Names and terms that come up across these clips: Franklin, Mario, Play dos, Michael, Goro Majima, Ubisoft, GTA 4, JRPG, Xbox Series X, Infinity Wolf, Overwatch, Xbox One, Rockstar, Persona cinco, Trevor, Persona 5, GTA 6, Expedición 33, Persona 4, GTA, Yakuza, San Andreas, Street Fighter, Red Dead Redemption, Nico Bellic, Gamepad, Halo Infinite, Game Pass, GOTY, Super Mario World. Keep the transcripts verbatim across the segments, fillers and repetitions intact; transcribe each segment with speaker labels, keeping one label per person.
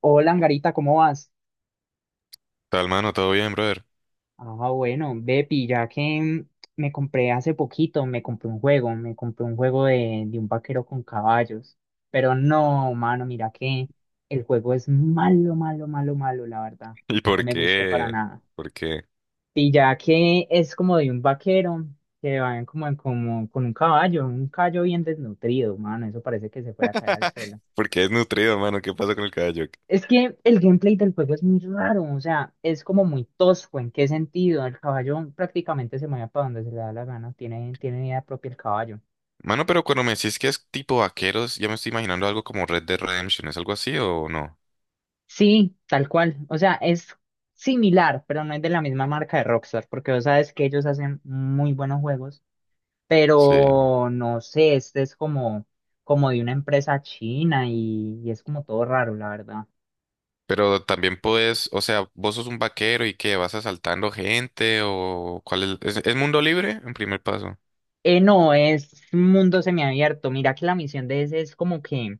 Speaker 1: Hola, Angarita, ¿cómo vas?
Speaker 2: Tal, mano, todo bien, brother.
Speaker 1: Ah, bueno, Bepi, ya que mm, me compré hace poquito, me compré un juego, me compré un juego de, de un vaquero con caballos. Pero no, mano, mira que el juego es malo, malo, malo, malo, la verdad.
Speaker 2: ¿Y
Speaker 1: No
Speaker 2: por
Speaker 1: me gustó para
Speaker 2: qué?
Speaker 1: nada.
Speaker 2: ¿Por qué?
Speaker 1: Y ya que es como de un vaquero que va en como, en- como con un caballo, un caballo bien desnutrido, mano, eso parece que se fuera a caer al suelo.
Speaker 2: ¿Por qué es nutrido, mano? ¿Qué pasa con el caballo?
Speaker 1: Es que el gameplay del juego es muy raro, o sea, es como muy tosco. ¿En qué sentido? El caballo prácticamente se mueve para donde se le da la gana, tiene, tiene idea propia el caballo.
Speaker 2: Mano, pero cuando me decís que es tipo vaqueros, ya me estoy imaginando algo como Red Dead Redemption. ¿Es algo así o no?
Speaker 1: Sí, tal cual. O sea, es similar, pero no es de la misma marca de Rockstar, porque vos sabes que ellos hacen muy buenos juegos,
Speaker 2: Sí.
Speaker 1: pero no sé, este es como, como de una empresa china y, y es como todo raro, la verdad.
Speaker 2: Pero también puedes, o sea, vos sos un vaquero y qué, vas asaltando gente o cuál es, ¿es, es mundo libre en primer paso?
Speaker 1: Eh, no, es mundo semiabierto. Mira que la misión de ese es como que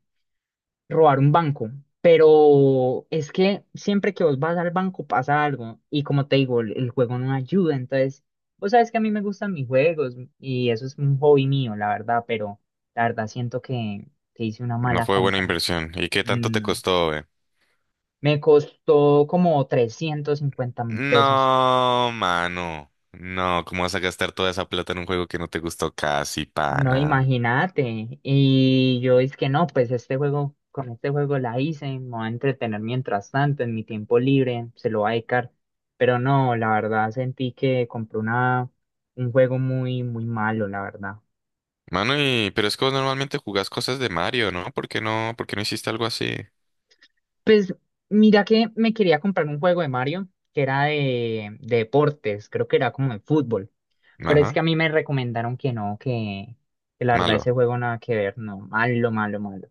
Speaker 1: robar un banco, pero es que siempre que vos vas al banco pasa algo y como te digo, el, el juego no ayuda, entonces vos sabes que a mí me gustan mis juegos y eso es un hobby mío, la verdad, pero la verdad siento que, que hice una
Speaker 2: No
Speaker 1: mala
Speaker 2: fue buena
Speaker 1: compra.
Speaker 2: inversión. ¿Y qué tanto te
Speaker 1: No,
Speaker 2: costó, eh?
Speaker 1: me costó como trescientos cincuenta mil pesos.
Speaker 2: No, mano. No, ¿cómo vas a gastar toda esa plata en un juego que no te gustó casi,
Speaker 1: No,
Speaker 2: pana?
Speaker 1: imagínate. Y yo es que no, pues este juego, con este juego la hice, me voy a entretener mientras tanto, en mi tiempo libre, se lo voy a dedicar. Pero no, la verdad sentí que compré una, un juego muy, muy malo, la verdad.
Speaker 2: Mano, y pero es que vos normalmente jugás cosas de Mario, ¿no? ¿Por qué no, por qué no hiciste algo así?
Speaker 1: Pues mira que me quería comprar un juego de Mario, que era de, de deportes, creo que era como de fútbol. Pero es
Speaker 2: Ajá,
Speaker 1: que a mí me recomendaron que no, que, que la verdad
Speaker 2: malo.
Speaker 1: ese juego nada que ver, no, malo, malo, malo.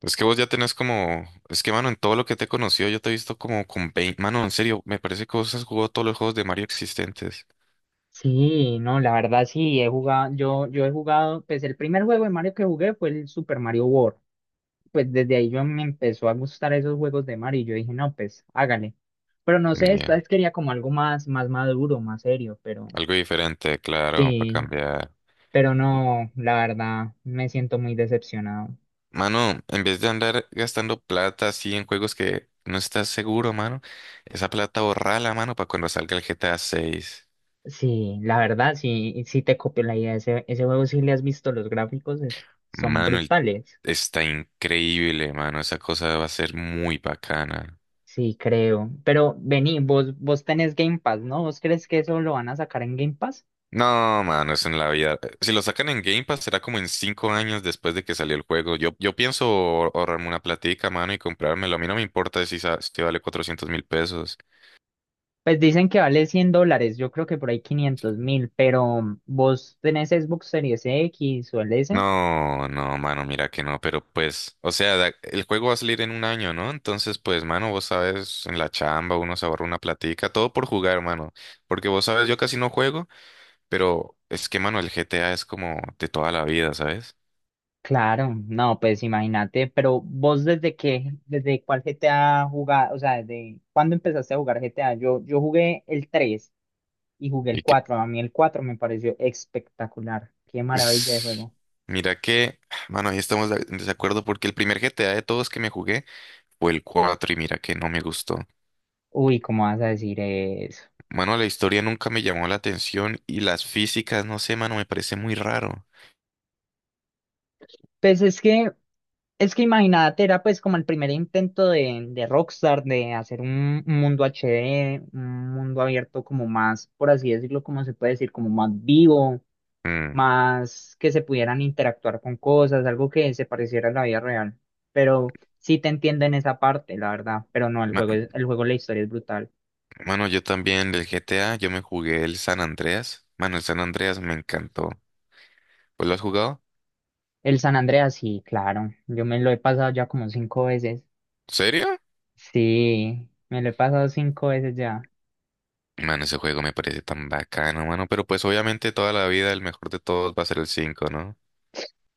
Speaker 2: Es que vos ya tenés como, es que mano, en todo lo que te he conocido, yo te he visto como con veinte, mano, en serio, me parece que vos has jugado todos los juegos de Mario existentes.
Speaker 1: Sí, no, la verdad sí, he jugado, yo, yo he jugado, pues el primer juego de Mario que jugué fue el Super Mario World. Pues desde ahí yo me empezó a gustar esos juegos de Mario y yo dije, no, pues hágale. Pero no sé, esta
Speaker 2: Ya,
Speaker 1: vez quería como algo más, más maduro, más serio, pero
Speaker 2: algo diferente, claro, para
Speaker 1: sí,
Speaker 2: cambiar.
Speaker 1: pero no, la verdad, me siento muy decepcionado.
Speaker 2: Mano, en vez de andar gastando plata así en juegos que no estás seguro, mano, esa plata borrala, mano, para cuando salga el G T A seis.
Speaker 1: Sí, la verdad, sí, sí te copio la idea. Ese, ese juego, si le has visto los gráficos, es- son
Speaker 2: Manuel,
Speaker 1: brutales.
Speaker 2: está increíble, mano. Esa cosa va a ser muy bacana.
Speaker 1: Sí, creo. Pero vení, vos, vos tenés Game Pass, ¿no? ¿Vos crees que eso lo van a sacar en Game Pass?
Speaker 2: No, mano, es en la vida. eh, Si lo sacan en Game Pass, será como en cinco años después de que salió el juego. Yo, yo pienso ahor- ahorrarme una platica, mano, y comprármelo. A mí no me importa si, sa- si vale cuatrocientos mil pesos.
Speaker 1: Pues dicen que vale cien dólares, yo creo que por ahí quinientos mil, pero mm, ¿vos tenés Xbox Series X o el S?
Speaker 2: No, no, mano, mira que no, pero pues, o sea, da- el juego va a salir en un año, ¿no? Entonces, pues, mano, vos sabes, en la chamba uno se ahorra una platica, todo por jugar, mano. Porque vos sabes, yo casi no juego. Pero es que, mano, el G T A es como de toda la vida, ¿sabes?
Speaker 1: Claro, no, pues imagínate, pero vos desde qué, desde cuál G T A jugás, o sea, ¿desde cuándo empezaste a jugar G T A? Yo, yo jugué el tres y jugué el
Speaker 2: Y que,
Speaker 1: cuatro. A mí el cuatro me pareció espectacular, qué maravilla de
Speaker 2: es-
Speaker 1: juego.
Speaker 2: Mira que, mano, ahí estamos de- en desacuerdo porque el primer G T A de todos que me jugué fue el cuatro y mira que no me gustó.
Speaker 1: Uy, ¿cómo vas a decir eso?
Speaker 2: Mano, la historia nunca me llamó la atención y las físicas, no sé, mano, me parece muy raro.
Speaker 1: Pues es que Es que imagínate, era pues como el primer intento de, de Rockstar de hacer un, un mundo H D, un mundo abierto como más, por así decirlo, como se puede decir, como más vivo,
Speaker 2: Mm,
Speaker 1: más que se pudieran interactuar con cosas, algo que se pareciera a la vida real. Pero sí te entiendo en esa parte, la verdad, pero no, el
Speaker 2: ma-
Speaker 1: juego, es- el juego, la historia es brutal.
Speaker 2: Mano, yo también del G T A, yo me jugué el San Andreas. Mano, el San Andreas me encantó. ¿Pues lo has jugado?
Speaker 1: El San Andreas, sí, claro, yo me lo he pasado ya como cinco veces.
Speaker 2: ¿Serio?
Speaker 1: Sí, me lo he pasado cinco veces ya.
Speaker 2: Mano, ese juego me parece tan bacano, mano. Pero pues obviamente toda la vida el mejor de todos va a ser el cinco, ¿no?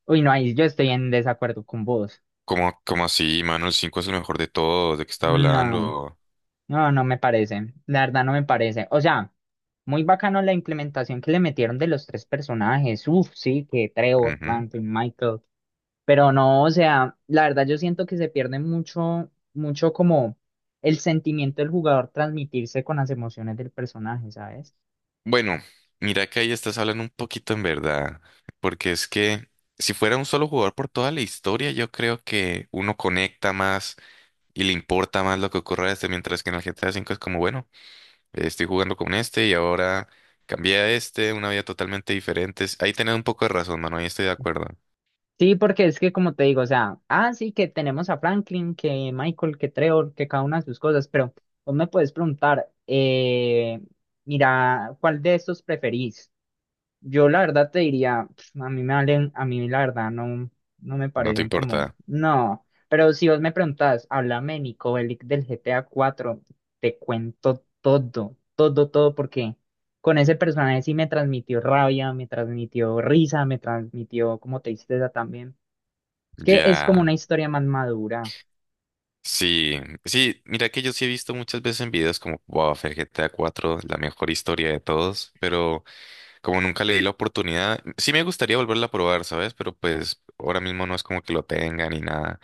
Speaker 1: Uy, no, ahí yo estoy en desacuerdo con vos.
Speaker 2: ¿Cómo, cómo así, mano? El cinco es el mejor de todos. ¿De qué está
Speaker 1: No,
Speaker 2: hablando?
Speaker 1: no, no me parece. La verdad no me parece. O sea, muy bacano la implementación que le metieron de los tres personajes. Uf, sí, que Trevor,
Speaker 2: Ujú.
Speaker 1: Franklin, Michael. Pero no, o sea, la verdad yo siento que se pierde mucho, mucho como el sentimiento del jugador transmitirse con las emociones del personaje, ¿sabes?
Speaker 2: Bueno, mira que ahí estás hablando un poquito en verdad. Porque es que si fuera un solo jugador por toda la historia, yo creo que uno conecta más y le importa más lo que ocurra a este. Mientras que en el G T A cinco es como, bueno, eh, estoy jugando con este y ahora cambié a este, una vida totalmente diferente. Es Ahí tenés un poco de razón, mano. Ahí estoy de acuerdo.
Speaker 1: Sí, porque es que como te digo, o sea, ah, sí que tenemos a Franklin, que Michael, que Trevor, que cada una de sus cosas, pero vos me puedes preguntar, eh, mira, ¿cuál de estos preferís? Yo la verdad te diría, pf, a mí me valen, a mí la verdad no, no me
Speaker 2: No te
Speaker 1: parecen
Speaker 2: importa.
Speaker 1: como, no, pero si vos me preguntás, háblame Nico Bellic del G T A cuatro, te cuento todo, todo, todo, porque con ese personaje sí me transmitió rabia, me transmitió risa, me transmitió como tristeza también. Es que es como
Speaker 2: Ya.
Speaker 1: una historia más madura.
Speaker 2: Sí, sí, mira que yo sí he visto muchas veces en videos como, wow, fue el G T A cuatro, la mejor historia de todos, pero como nunca le di la oportunidad, sí me gustaría volverla a probar, ¿sabes? Pero pues ahora mismo no es como que lo tenga ni nada.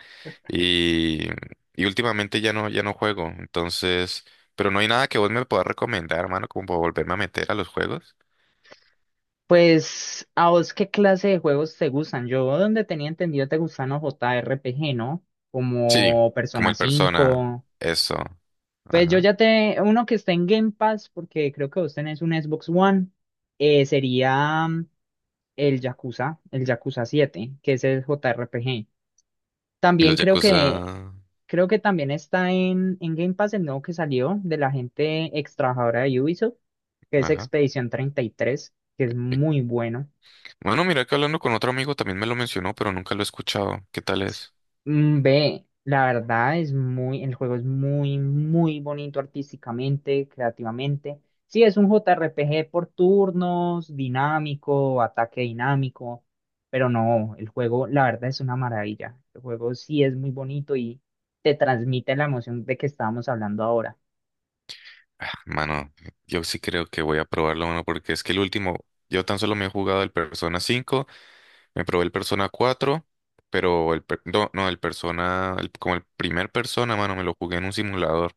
Speaker 2: Y, y últimamente ya no, ya no juego, entonces, pero no hay nada que vos me puedas recomendar, hermano, como para volverme a meter a los juegos.
Speaker 1: Pues, ¿a vos qué clase de juegos te gustan? Yo donde tenía entendido te gustan los J R P G, ¿no?
Speaker 2: Sí,
Speaker 1: Como
Speaker 2: como
Speaker 1: Persona
Speaker 2: el Persona,
Speaker 1: cinco.
Speaker 2: eso.
Speaker 1: Pues yo
Speaker 2: Ajá.
Speaker 1: ya te... Uno que está en Game Pass, porque creo que vos tenés un Xbox One, eh, sería mm, el Yakuza, el Yakuza siete, que es el J R P G.
Speaker 2: Los
Speaker 1: También creo
Speaker 2: Yakuza,
Speaker 1: que Creo que también está en, en Game Pass el nuevo que salió de la gente ex trabajadora de Ubisoft, que es
Speaker 2: ajá.
Speaker 1: Expedición treinta y tres, que es muy bueno.
Speaker 2: Bueno, mira que hablando con otro amigo también me lo mencionó, pero nunca lo he escuchado. ¿Qué tal es?
Speaker 1: Mm, Ve, la verdad es muy, el juego es muy, muy bonito artísticamente, creativamente. Sí, es un J R P G por turnos, dinámico, ataque dinámico, pero no, el juego, la verdad es una maravilla. El juego sí es muy bonito y te transmite la emoción de que estábamos hablando ahora.
Speaker 2: Ah, mano, yo sí creo que voy a probarlo, mano, porque es que el último, yo tan solo me he jugado el Persona cinco, me probé el Persona cuatro, pero el, per- no, no, el Persona, el- como el primer Persona, mano, me lo jugué en un simulador.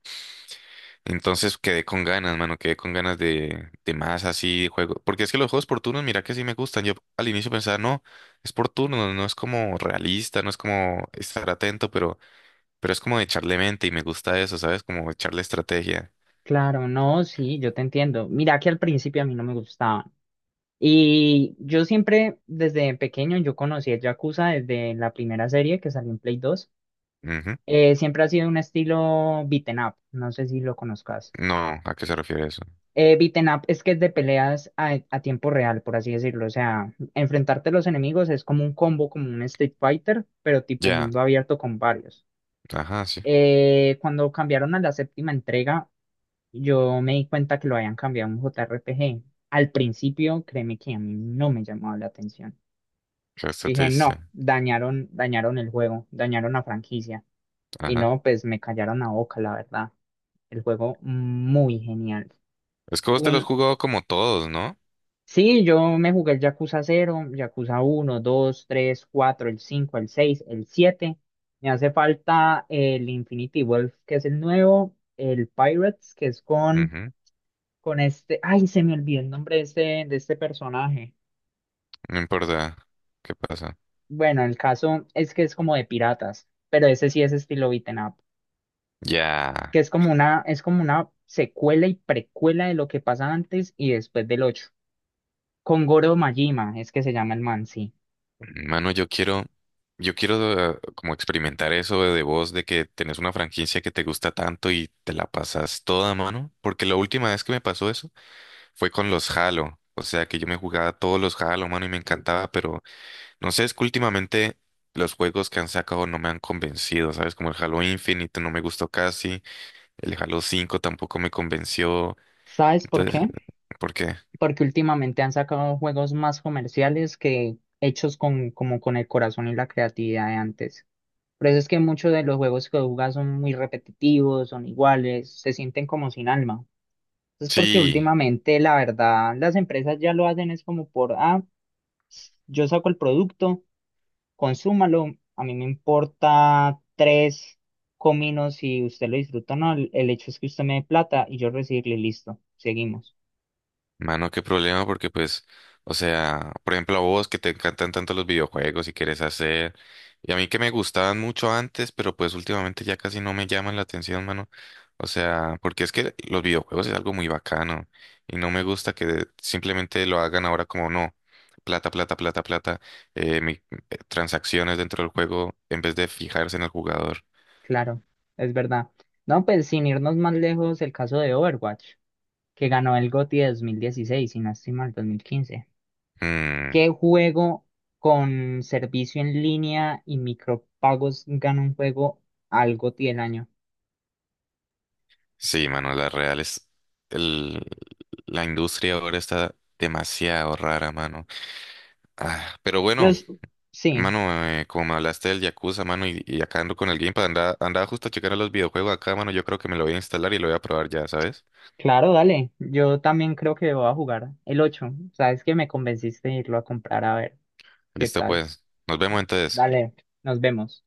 Speaker 2: Entonces quedé con ganas, mano, quedé con ganas de, de más así de juego. Porque es que los juegos por turnos, mira que sí me gustan. Yo al inicio pensaba, no, es por turnos, no es como realista, no es como estar atento, pero Pero es como de echarle mente y me gusta eso, ¿sabes? Como echarle estrategia.
Speaker 1: Claro, no, sí, yo te entiendo. Mira que al principio a mí no me gustaban. Y yo siempre, desde pequeño, yo conocí el Yakuza desde la primera serie que salió en Play dos.
Speaker 2: Ujú.
Speaker 1: Eh, siempre ha sido un estilo beaten up, no sé si lo conozcas.
Speaker 2: No, ¿a qué se refiere eso?
Speaker 1: Eh, beaten up es que es de peleas a, a tiempo real, por así decirlo. O sea, enfrentarte a los enemigos es como un combo, como un Street Fighter, pero tipo
Speaker 2: Ya,
Speaker 1: mundo abierto con varios.
Speaker 2: ajá, sí.
Speaker 1: Eh, cuando cambiaron a la séptima entrega, yo me di cuenta que lo habían cambiado a un J R P G. Al principio, créeme que a mí no me llamaba la atención.
Speaker 2: ¿Qué esto te
Speaker 1: Dije,
Speaker 2: dice?
Speaker 1: no, dañaron, dañaron el juego, dañaron la franquicia. Y
Speaker 2: Ajá.
Speaker 1: no, pues me callaron la boca, la verdad. El juego muy genial.
Speaker 2: Es que vos te los
Speaker 1: Un...
Speaker 2: jugado como todos, ¿no?
Speaker 1: Sí, yo me jugué el Yakuza cero, Yakuza uno, dos, tres, cuatro, el cinco, el seis, el siete. Me hace falta el Infinity Wolf, que es el nuevo, el Pirates, que es con
Speaker 2: Ujú.
Speaker 1: con este, ay, se me olvidó el nombre de este, de este personaje.
Speaker 2: No importa qué pasa.
Speaker 1: Bueno, el caso es que es como de piratas, pero ese sí es estilo beaten up,
Speaker 2: Ya,
Speaker 1: que es como una, es como una secuela y precuela de lo que pasa antes y después del ocho. Con Goro Majima, es que se llama el man, sí.
Speaker 2: mano, yo quiero, yo quiero eh, como experimentar eso de vos, de que tenés una franquicia que te gusta tanto y te la pasas toda, mano. Porque la última vez que me pasó eso fue con los Halo. O sea que yo me jugaba todos los Halo, mano, y me encantaba, pero no sé, es que últimamente los juegos que han sacado no me han convencido, ¿sabes? Como el Halo Infinite no me gustó casi, el Halo cinco tampoco me convenció.
Speaker 1: ¿Sabes por
Speaker 2: Entonces,
Speaker 1: qué?
Speaker 2: ¿por qué?
Speaker 1: Porque últimamente han sacado juegos más comerciales que hechos con, como con el corazón y la creatividad de antes. Por eso es que muchos de los juegos que jugas son muy repetitivos, son iguales, se sienten como sin alma. Es porque
Speaker 2: Sí.
Speaker 1: últimamente, la verdad, las empresas ya lo hacen, es como por, ah, yo saco el producto, consúmalo, a mí me importa tres cominos si usted lo disfruta o no, el, el hecho es que usted me dé plata y yo recibirle, listo, seguimos.
Speaker 2: Mano, qué problema, porque pues, o sea, por ejemplo, a vos que te encantan tanto los videojuegos y quieres hacer, y a mí que me gustaban mucho antes, pero pues últimamente ya casi no me llaman la atención, mano. O sea, porque es que los videojuegos es algo muy bacano y no me gusta que simplemente lo hagan ahora como no, plata, plata, plata, plata, eh, mi- eh, transacciones dentro del juego en vez de fijarse en el jugador.
Speaker 1: Claro, es verdad. No, pues sin irnos más lejos, el caso de Overwatch, que ganó el GOTY de dos mil dieciséis y no estoy mal, dos mil quince.
Speaker 2: Mm,
Speaker 1: ¿Qué juego con servicio en línea y micropagos gana un juego al GOTY del año?
Speaker 2: Sí, mano, la real es el, la industria ahora está demasiado rara, mano. Ah, pero
Speaker 1: Yo
Speaker 2: bueno,
Speaker 1: s- sí,
Speaker 2: mano, eh, como me hablaste del Yakuza, mano, y, y acá ando con el Gamepad, andaba, andaba justo a checar a los videojuegos acá, mano, yo creo que me lo voy a instalar y lo voy a probar ya, ¿sabes?
Speaker 1: claro, dale. Yo también creo que voy a jugar el ocho. Sabes que me convenciste de irlo a comprar a ver qué
Speaker 2: Listo,
Speaker 1: tal.
Speaker 2: pues, nos vemos entonces.
Speaker 1: Dale, nos vemos.